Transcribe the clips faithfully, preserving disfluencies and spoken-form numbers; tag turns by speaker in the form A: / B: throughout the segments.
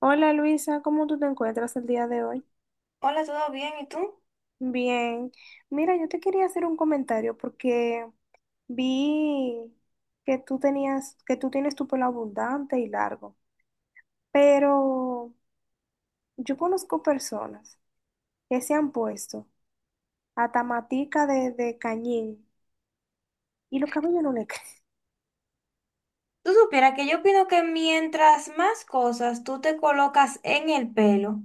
A: Hola Luisa, ¿cómo tú te encuentras el día de hoy?
B: Hola, ¿todo bien? ¿Y tú?
A: Bien, mira, yo te quería hacer un comentario porque vi que tú tenías, que tú tienes tu pelo abundante y largo, pero yo conozco personas que se han puesto hasta matica de, de cañín y los cabellos no le crecen.
B: Tú supieras que yo opino que mientras más cosas tú te colocas en el pelo,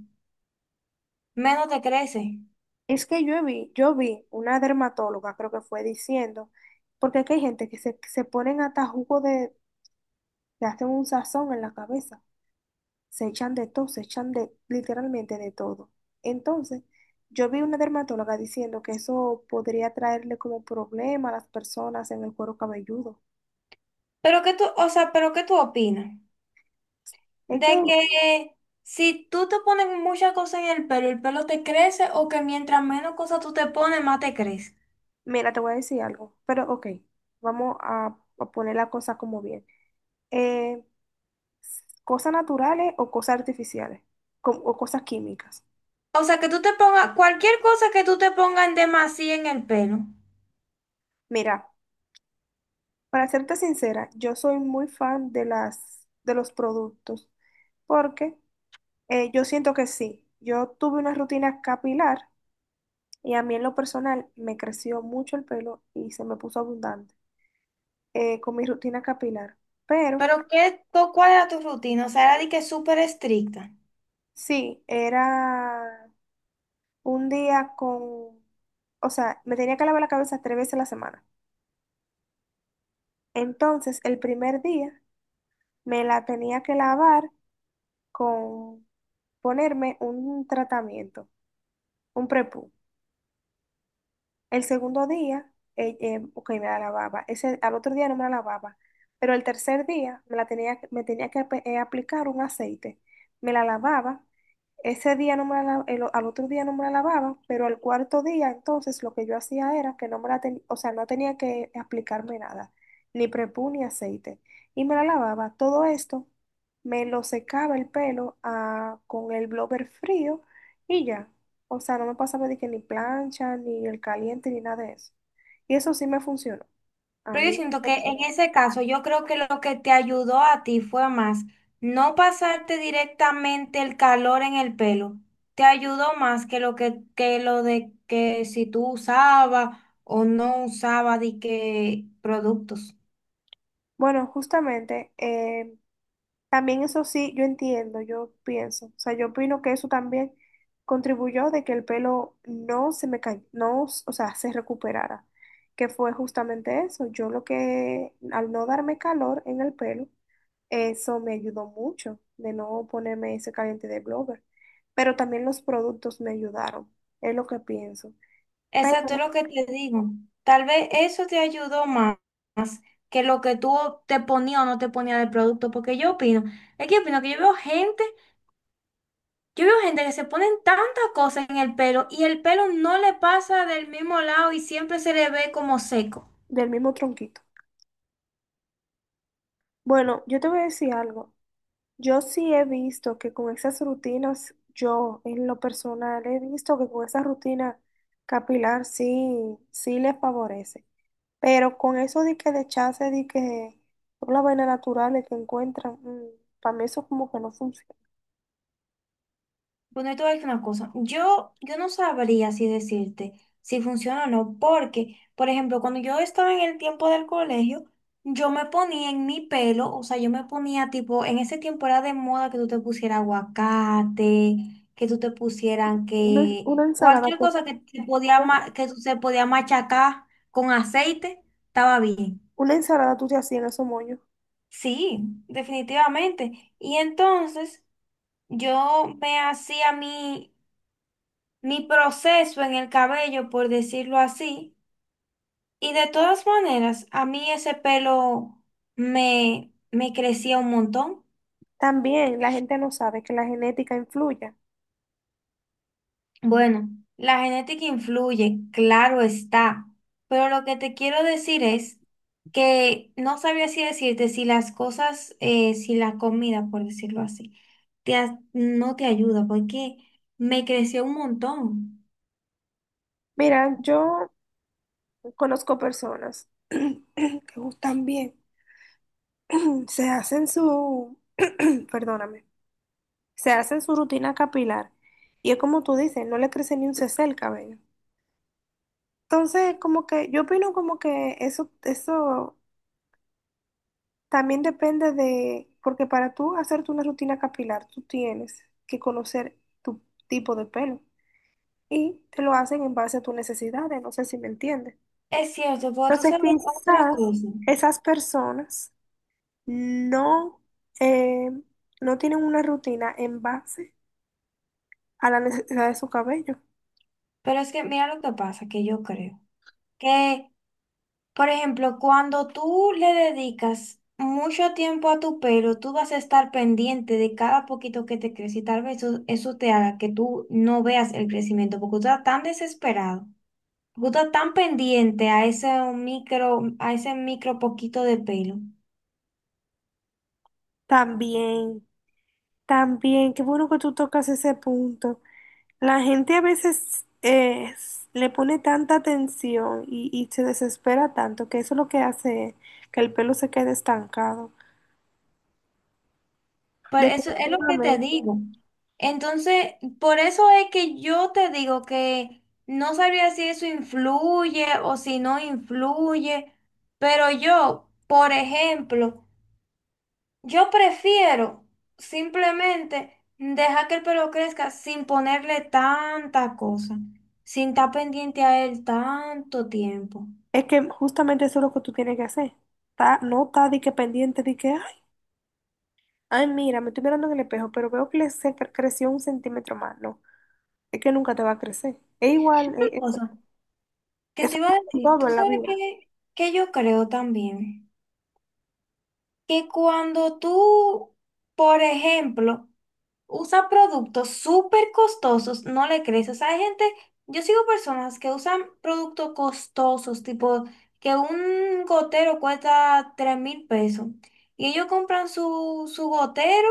B: menos te crece.
A: Es que yo vi, yo vi una dermatóloga, creo que fue diciendo, porque es que hay gente que se, se ponen hasta jugo de, que hacen un sazón en la cabeza. Se echan de todo, se echan de literalmente de todo. Entonces, yo vi una dermatóloga diciendo que eso podría traerle como problema a las personas en el cuero cabelludo.
B: Pero qué tú, o sea, pero ¿qué tú opinas?
A: Es que,
B: De que si tú te pones muchas cosas en el pelo, el pelo te crece o que mientras menos cosas tú te pones, más te crece.
A: mira, te voy a decir algo, pero ok, vamos a, a poner la cosa como bien. Eh, Cosas naturales o cosas artificiales co- o cosas químicas.
B: O sea, que tú te pongas cualquier cosa que tú te pongas en demasía en el pelo.
A: Mira, para serte sincera, yo soy muy fan de las de los productos porque Eh, yo siento que sí. Yo tuve una rutina capilar y a mí en lo personal me creció mucho el pelo y se me puso abundante eh, con mi rutina capilar. Pero
B: Pero ¿qué, cu- cuál era tu rutina? O sea, era de que súper estricta.
A: sí, era un día con, o sea, me tenía que lavar la cabeza tres veces a la semana. Entonces, el primer día me la tenía que lavar con ponerme un tratamiento, un prepú. El segundo día, eh, eh, ok, me la lavaba. Ese, al otro día no me la lavaba. Pero el tercer día me la tenía, que- me tenía que ap- eh, aplicar un aceite. Me la lavaba. Ese día no me la, la- el o- al otro día no me la lavaba, pero al cuarto día entonces lo que yo hacía era que no me la tenía, o sea, no tenía que aplicarme nada, ni prepú ni aceite. Y me la lavaba. Todo esto me lo secaba el pelo ah, con el blower frío y ya. O sea, no me pasaba de que ni plancha, ni el caliente, ni nada de eso. Y eso sí me funcionó. A
B: Pero yo
A: mí, en lo
B: siento que en
A: personal.
B: ese caso, yo creo que lo que te ayudó a ti fue más no pasarte directamente el calor en el pelo. Te ayudó más que lo que, que lo de que si tú usabas o no usabas de qué productos.
A: Bueno, justamente, eh, también eso sí, yo entiendo, yo pienso, o sea, yo opino que eso también contribuyó de que el pelo no se me cayó, no, o sea, se recuperara, que fue justamente eso. Yo lo que, al no darme calor en el pelo, eso me ayudó mucho de no ponerme ese caliente de blower, pero también los productos me ayudaron, es lo que pienso, pero
B: Exacto, es lo que te digo. Tal vez eso te ayudó más que lo que tú te ponías o no te ponías de producto. Porque yo opino, es que opino que yo veo gente. Yo veo gente que se ponen tantas cosas en el pelo y el pelo no le pasa del mismo lado y siempre se le ve como seco.
A: del mismo tronquito. Bueno, yo te voy a decir algo. Yo sí he visto que con esas rutinas, yo en lo personal he visto que con esa rutina capilar sí, sí les favorece. Pero con eso de que de chance, de que por las vainas naturales que encuentran, mm, para mí eso como que no funciona.
B: Bueno, yo te voy a decir una cosa. Yo, yo no sabría si decirte si funciona o no, porque, por ejemplo, cuando yo estaba en el tiempo del colegio, yo me ponía en mi pelo, o sea, yo me ponía tipo, en ese tiempo era de moda que tú te pusieras aguacate, que tú te pusieran
A: Una,
B: que
A: una ensalada,
B: cualquier
A: tú-
B: cosa que, te podía, ma- que tú se podía machacar con aceite, estaba bien.
A: una ensalada tú te hacías en esos moños.
B: Sí, definitivamente. Y entonces yo me hacía mi, mi proceso en el cabello, por decirlo así. Y de todas maneras, a mí ese pelo me, me crecía un montón.
A: También la gente no sabe que la genética influye.
B: Bueno, la genética influye, claro está, pero lo que te quiero decir es que no sabía si decirte si las cosas, eh, si la comida, por decirlo así, te ha- no te ayuda, porque me creció un montón.
A: Mira, yo conozco personas que gustan bien, se hacen su perdóname, se hacen su rutina capilar y es como tú dices, no le crece ni un cc el cabello. Entonces, como que yo opino como que eso, eso también depende de, porque para tú hacerte una rutina capilar, tú tienes que conocer tu tipo de pelo y te lo hacen en base a tus necesidades, no sé si me entiendes.
B: Es cierto, pero tú
A: Entonces,
B: sabes otra
A: quizás
B: cosa,
A: esas personas no, eh, no tienen una rutina en base a la necesidad de su cabello.
B: pero es que mira lo que pasa, que yo creo, que por ejemplo, cuando tú le dedicas mucho tiempo a tu pelo, tú vas a estar pendiente de cada poquito que te crece y tal vez eso, eso te haga que tú no veas el crecimiento porque tú estás tan desesperado, porque tú estás tan pendiente a ese micro, a ese micro poquito de pelo.
A: También, también, qué bueno que tú tocas ese punto. La gente a veces eh, le pone tanta atención y, y se desespera tanto que eso es lo que hace que el pelo se quede estancado.
B: Pero eso es lo que te
A: Definitivamente.
B: digo. Entonces, por eso es que yo te digo que no sabría si eso influye o si no influye, pero yo, por ejemplo, yo prefiero simplemente dejar que el pelo crezca sin ponerle tanta cosa, sin estar pendiente a él tanto tiempo.
A: Es que justamente eso es lo que tú tienes que hacer. Ta- no está de que pendiente, de que, ay, ay, mira, me estoy mirando en el espejo, pero veo que le se cre- creció un centímetro más. No, es que nunca te va a crecer. Es igual,
B: Otra
A: eh, eso,
B: cosa que
A: eso
B: te iba a
A: es con
B: decir,
A: todo
B: tú
A: en la
B: sabes
A: vida.
B: que, que yo creo también, que cuando tú, por ejemplo, usa productos súper costosos, no le crees. O sea, hay gente, yo sigo personas que usan productos costosos, tipo que un gotero cuesta tres mil pesos y ellos compran su, su gotero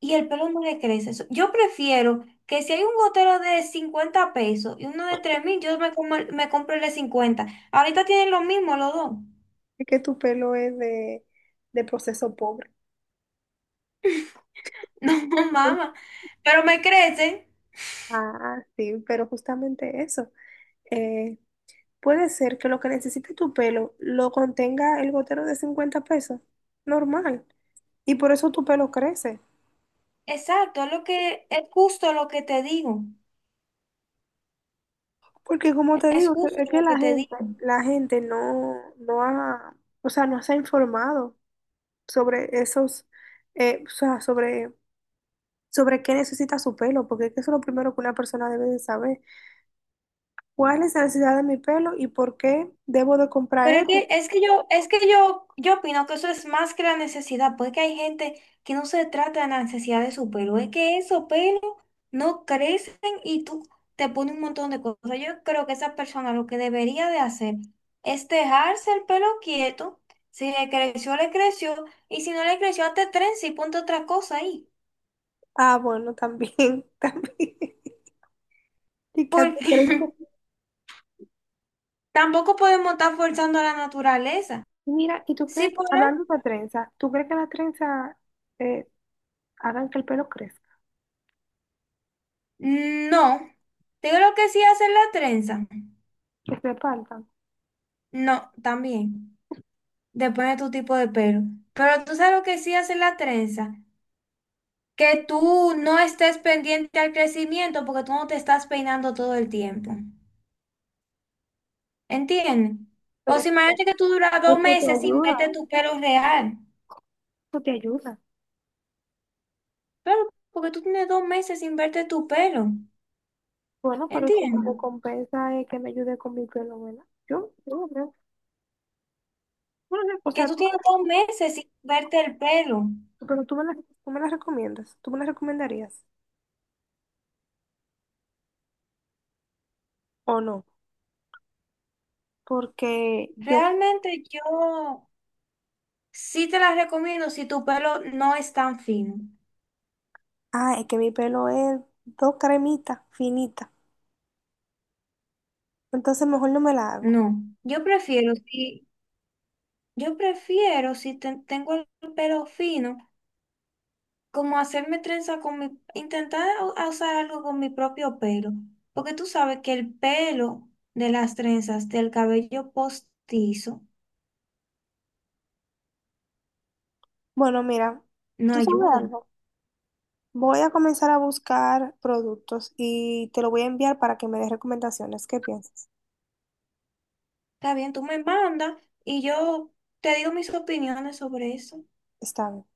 B: y el pelo no le crece. So, yo prefiero que si hay un gotero de cincuenta pesos y uno de tres mil, yo me, como el- me compro el de cincuenta. Ahorita tienen lo mismo los dos.
A: Es que tu pelo es de, de proceso pobre.
B: No,
A: Por-
B: mamá, pero me crecen.
A: Ah, sí, pero justamente eso. Eh, Puede ser que lo que necesite tu pelo lo contenga el gotero de cincuenta pesos, normal. Y por eso tu pelo crece.
B: Exacto, es lo que es justo lo que te digo.
A: Porque como te
B: Es
A: digo, que-
B: justo
A: es que
B: lo
A: la
B: que te digo.
A: gente, la gente no, no ha, o sea, no se ha informado sobre esos, eh, o sea, sobre, sobre qué necesita su pelo, porque es que eso es lo primero que una persona debe de saber. ¿Cuál es la necesidad de mi pelo y por qué debo de comprar
B: Pero es
A: esto?
B: que, es que yo, es que yo, yo opino que eso es más que la necesidad, porque hay gente que no se trata de la necesidad de su pelo, es que esos pelos no crecen y tú te pones un montón de cosas. Yo creo que esa persona lo que debería de hacer es dejarse el pelo quieto. Si le creció, le creció, y si no le creció, hazte trenza y ponte otra cosa ahí.
A: Ah, bueno, también, también. Y que hace
B: Porque
A: trenza.
B: tampoco podemos estar forzando a la naturaleza.
A: Mira, ¿y tú
B: Sí,
A: crees,
B: por
A: hablando de trenza, tú crees que las trenzas eh, hagan que el pelo crezca,
B: No, te digo lo que sí hacer la trenza.
A: que se partan?
B: No, también. Depende de tu tipo de pelo. Pero tú sabes lo que sí hacer la trenza. Que tú no estés pendiente al crecimiento porque tú no te estás peinando todo el tiempo. ¿Entiendes? O
A: Pero
B: si
A: eso,
B: imagínate que tú duras dos
A: eso te
B: meses sin
A: ayuda,
B: verte tu pelo real.
A: eso te ayuda.
B: Pero porque tú tienes dos meses sin verte tu pelo.
A: Bueno, pero si mi
B: ¿Entiendes?
A: recompensa es que me ayude con mi pelo, ¿verdad? Yo, yo no creo. Bueno, o
B: Que
A: sea,
B: tú
A: tú,
B: tienes dos meses sin verte el pelo.
A: pero tú me las, tú me las recomiendas, tú me las recomendarías o no, porque yo
B: Realmente yo Sí te las recomiendo si tu pelo no es tan fino.
A: ah, es que mi pelo es dos cremitas finitas. Entonces mejor no me la hago.
B: No, yo prefiero si yo prefiero si te- tengo el pelo fino, como hacerme trenza con mi intentar a- a usar algo con mi propio pelo, porque tú sabes que el pelo de las trenzas del cabello postizo
A: Bueno, mira,
B: no
A: ¿tú sabes
B: ayuda.
A: algo? Voy a comenzar a buscar productos y te lo voy a enviar para que me des recomendaciones. ¿Qué piensas?
B: Está bien, tú me mandas y yo te digo mis opiniones sobre eso.
A: Está bien.